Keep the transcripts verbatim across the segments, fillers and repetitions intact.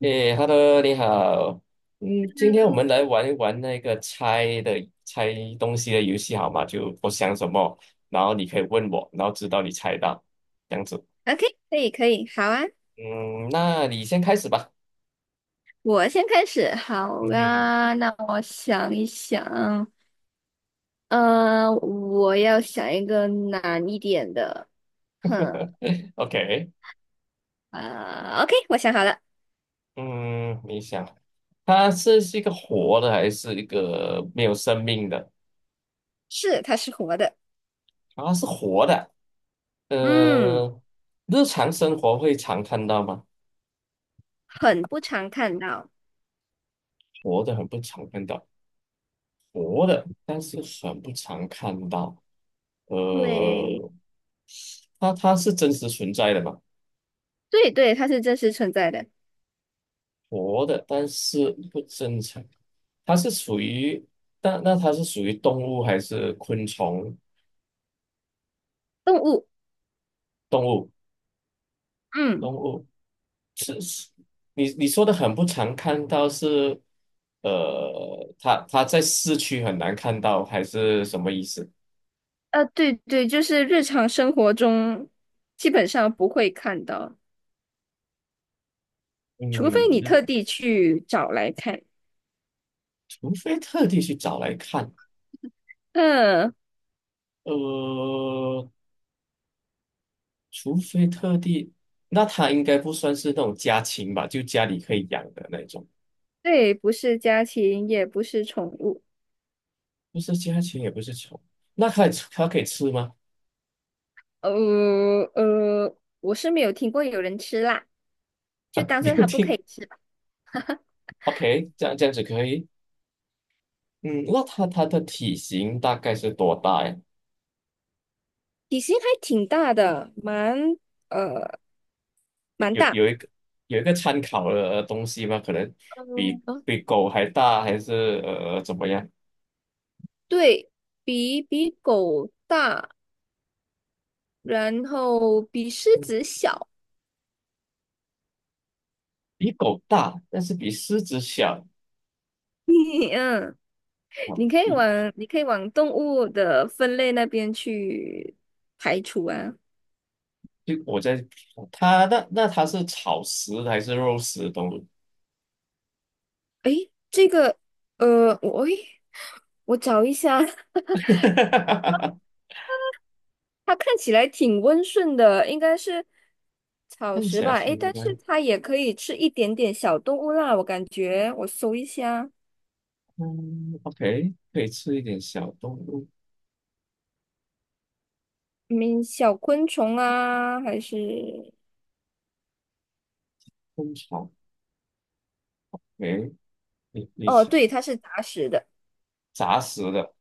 诶，Hello，你好。嗯，今天我们来玩一玩那个猜的猜东西的游戏，好吗？就我想什么，然后你可以问我，然后直到你猜到，这样子。OK,可以可以，好啊，嗯，那你先开始吧。我先开始，好嗯哼。 啊，那我想一想，呃，我要想一个难一点的，哼，，OK。啊、o k 我想好了，嗯，你想，它是是一个活的还是一个没有生命的？是，它是活的，啊，是活的。嗯，呃，日常生活会常看到吗？很不常看到，活的很不常看到，活的，但是很不常看到。对，呃，它它是真实存在的嘛，对对，它是真实存在的活的，但是不正常。它是属于，但那它是属于动物还是昆虫？动物，动物，嗯，动物。是，是你你说的很不常看到是，呃，它它在市区很难看到，还是什么意思？呃，对对，就是日常生活中基本上不会看到，除非你嗯，特地去找来看，除非特地去找来看。嗯。呃，除非特地，那它应该不算是那种家禽吧？就家里可以养的那种，对，不是家禽，也不是宠物。不是家禽，也不是宠。那它也吃它可以吃吗？呃呃，我是没有听过有人吃辣，啊，就当没做有它不听。可以吃吧。OK，这样这样子可以。嗯，那它它的体型大概是多大呀？体型还挺大的，蛮呃蛮有大，有一个有一个参考的东西吗？可能比嗯，比狗还大，还是呃怎么样？对，比比狗大，然后比狮子嗯小。比狗大，但是比狮子小。嗯，啊，你可以往比你可以往动物的分类那边去排除啊。就我在它那那它是草食的还是肉食的动物？诶，这个呃，我诶我找一下。它看起来挺温顺的，应该是草看起食来吧？诶，挺但乖。是它也可以吃一点点小动物啦，我感觉我搜一下，嗯，OK，可以吃一点小动物嗯，小昆虫啊，还是昆虫。诶，你你哦，吃对，它是杂食的，杂食的，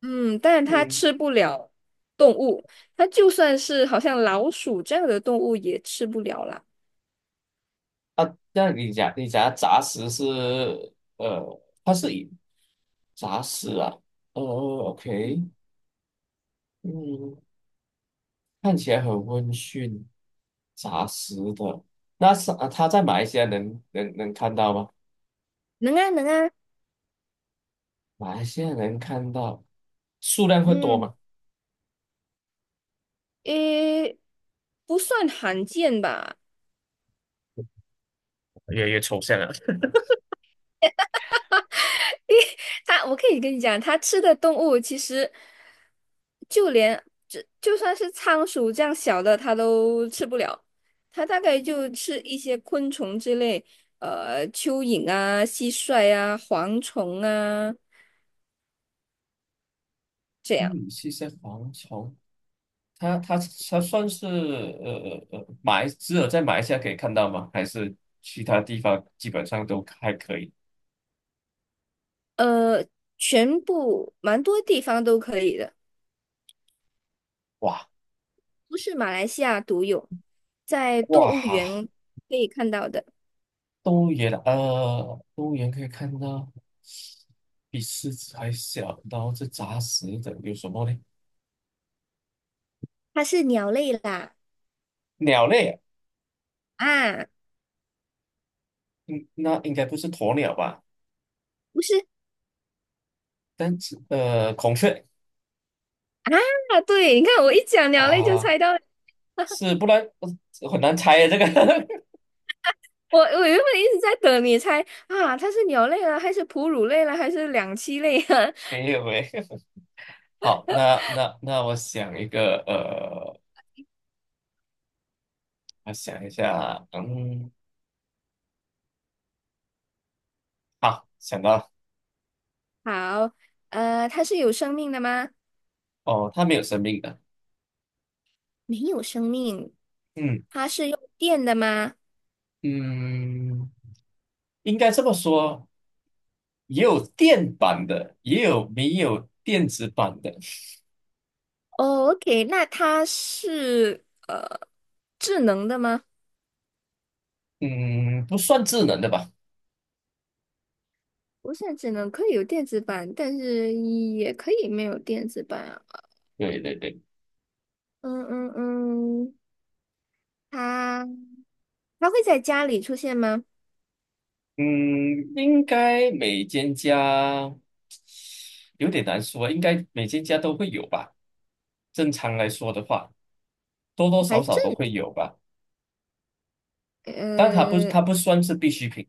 嗯，但是它嗯吃不了动物，它就算是好像老鼠这样的动物也吃不了啦。啊，那你讲你讲的杂食是呃，它是以杂食啊，呃，OK，嗯，看起来很温驯，杂食的。那是啊，它在马来西亚能能能看到吗？能啊，能啊，马来西亚能看到，数量会多嗯，吗？诶，不算罕见吧？越来越抽象了。它，我可以跟你讲，它吃的动物其实就连就就算是仓鼠这样小的，它都吃不了。它大概就吃一些昆虫之类，呃，蚯蚓啊、蟋蟀啊、蝗虫啊，嗯，是些蝗虫，它它它算是呃呃马来只有在马来西亚可以看到吗？还是其他地方基本上都还可以？呃，全部蛮多地方都可以的，哇不是马来西亚独有，在动物哇，园可以看到的。动物园啊呃，动物园可以看到比狮子还小，然后是杂食的，有什么呢？它是鸟类啦，鸟类啊。啊，嗯，那应该不是鸵鸟吧？不是但是呃，孔雀啊，对，你看我一讲鸟类就啊，猜到了。是不然呃很难猜啊，这个。 我我原本一直在等你猜啊，它是鸟类了还是哺乳类了还是两栖类啊？没有诶。好，那那那我想一个，呃，我想一下，嗯，好，想到了，好，呃，它是有生命的吗？哦，它没有生命的，没有生命。嗯它是用电的吗？嗯，应该这么说，也有电版的，也有没有电子版的，哦，OK,那它是呃智能的吗？嗯，不算智能的吧？不是智能，可以有电子版，但是也可以没有电子版啊。对对对，嗯嗯嗯，它它会在家里出现吗？嗯，应该每间家有点难说，应该每间家都会有吧？正常来说的话，多多还少少正，都会有吧，但它不，呃它不算是必需品，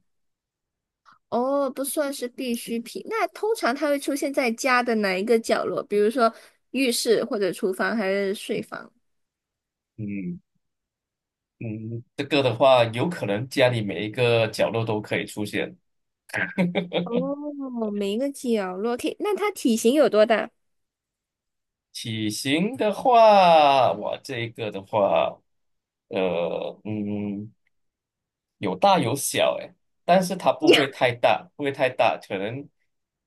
哦，不算是必需品。那通常它会出现在家的哪一个角落？比如说浴室或者厨房还是睡房？嗯。嗯，这个的话，有可能家里每一个角落都可以出现。哦，每一个角落。可以，那它体型有多大？体型的话，我这一个的话，呃，嗯，有大有小，诶，但是它 不呀，会太大，不会太大，可能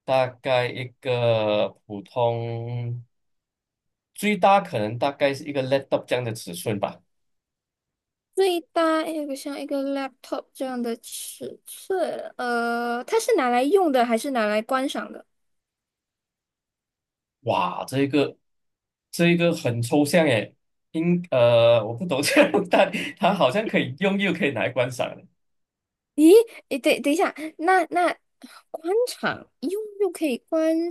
大概一个普通，最大可能大概是一个 laptop 这样的尺寸吧。最大有个像一个 laptop 这样的尺寸。呃，它是拿来用的还是拿来观赏的？哇，这个这个很抽象诶，应呃，我不懂这样，但它好像可以用，又可以拿来观赏的，咦，诶，等等一下，那那观赏用又可以观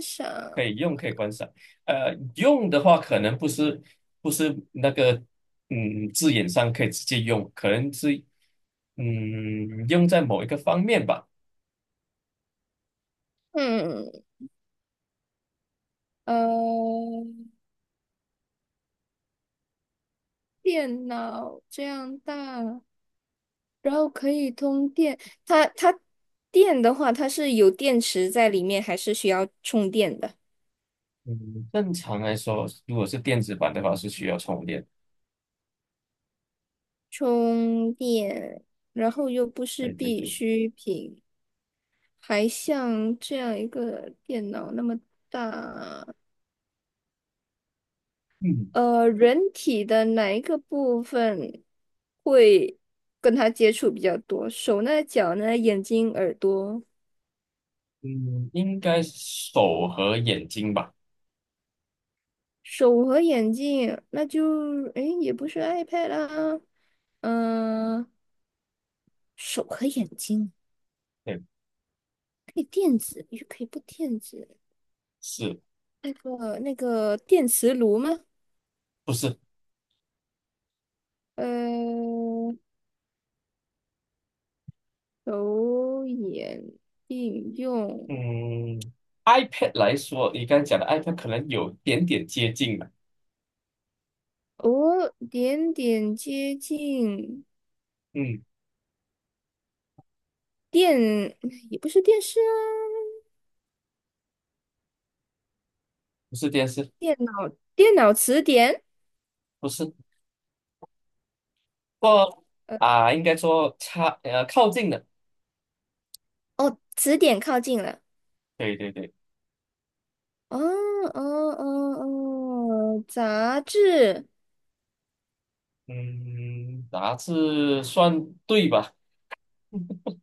可赏，以用，可以观赏。呃，用的话可能不是不是那个嗯字眼上可以直接用，可能是嗯用在某一个方面吧。嗯，呃，电脑这样大。然后可以通电。它它电的话，它是有电池在里面，还是需要充电的？嗯，正常来说，如果是电子版的话，是需要充电。充电，然后又不是对对必对，需品，还像这样一个电脑那么大，嗯呃，人体的哪一个部分会跟它接触比较多？手呢？脚呢？眼睛、耳朵？嗯，应该是手和眼睛吧？手和眼睛，那就，诶，也不是 iPad 啦，嗯、手和眼睛对，可以电子，又可以不电子。是那个那个电磁炉吗？不是？呃，手眼应用，嗯，iPad 来说，你刚才讲的 iPad 可能有点点接近了。哦，点点接近嗯，电，也不是电视啊，不是电视，电脑电脑词典，不是，不过呃，啊，应该说差呃靠近的。哦，词典靠近了。对对对，哦哦哦哦，杂志。嗯，杂志算对吧？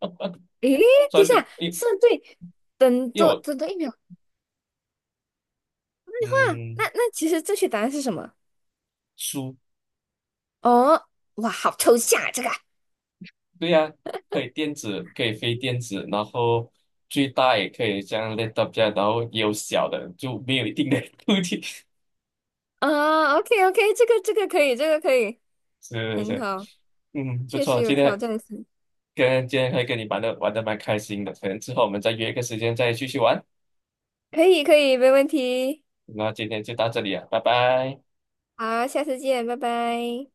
呃诶，等一算下，对，因是对，等因为多我等多一秒。哇，那嗯那其实正确答案是什么？书。哦，哇，好抽象啊，这个。对呀、可以电子，可以非电子，然后最大也可以像样 laptop 这样然后也有小的，就没有一定的 固是啊，OK OK,这个这个可以，这个可以，是很是，好，嗯，不确实错，有今挑天战性，跟今天可以跟你玩的玩的蛮开心的，可能之后我们再约一个时间再继续玩。可以可以，没问题。那今天就到这里了，拜拜。好，下次见，拜拜。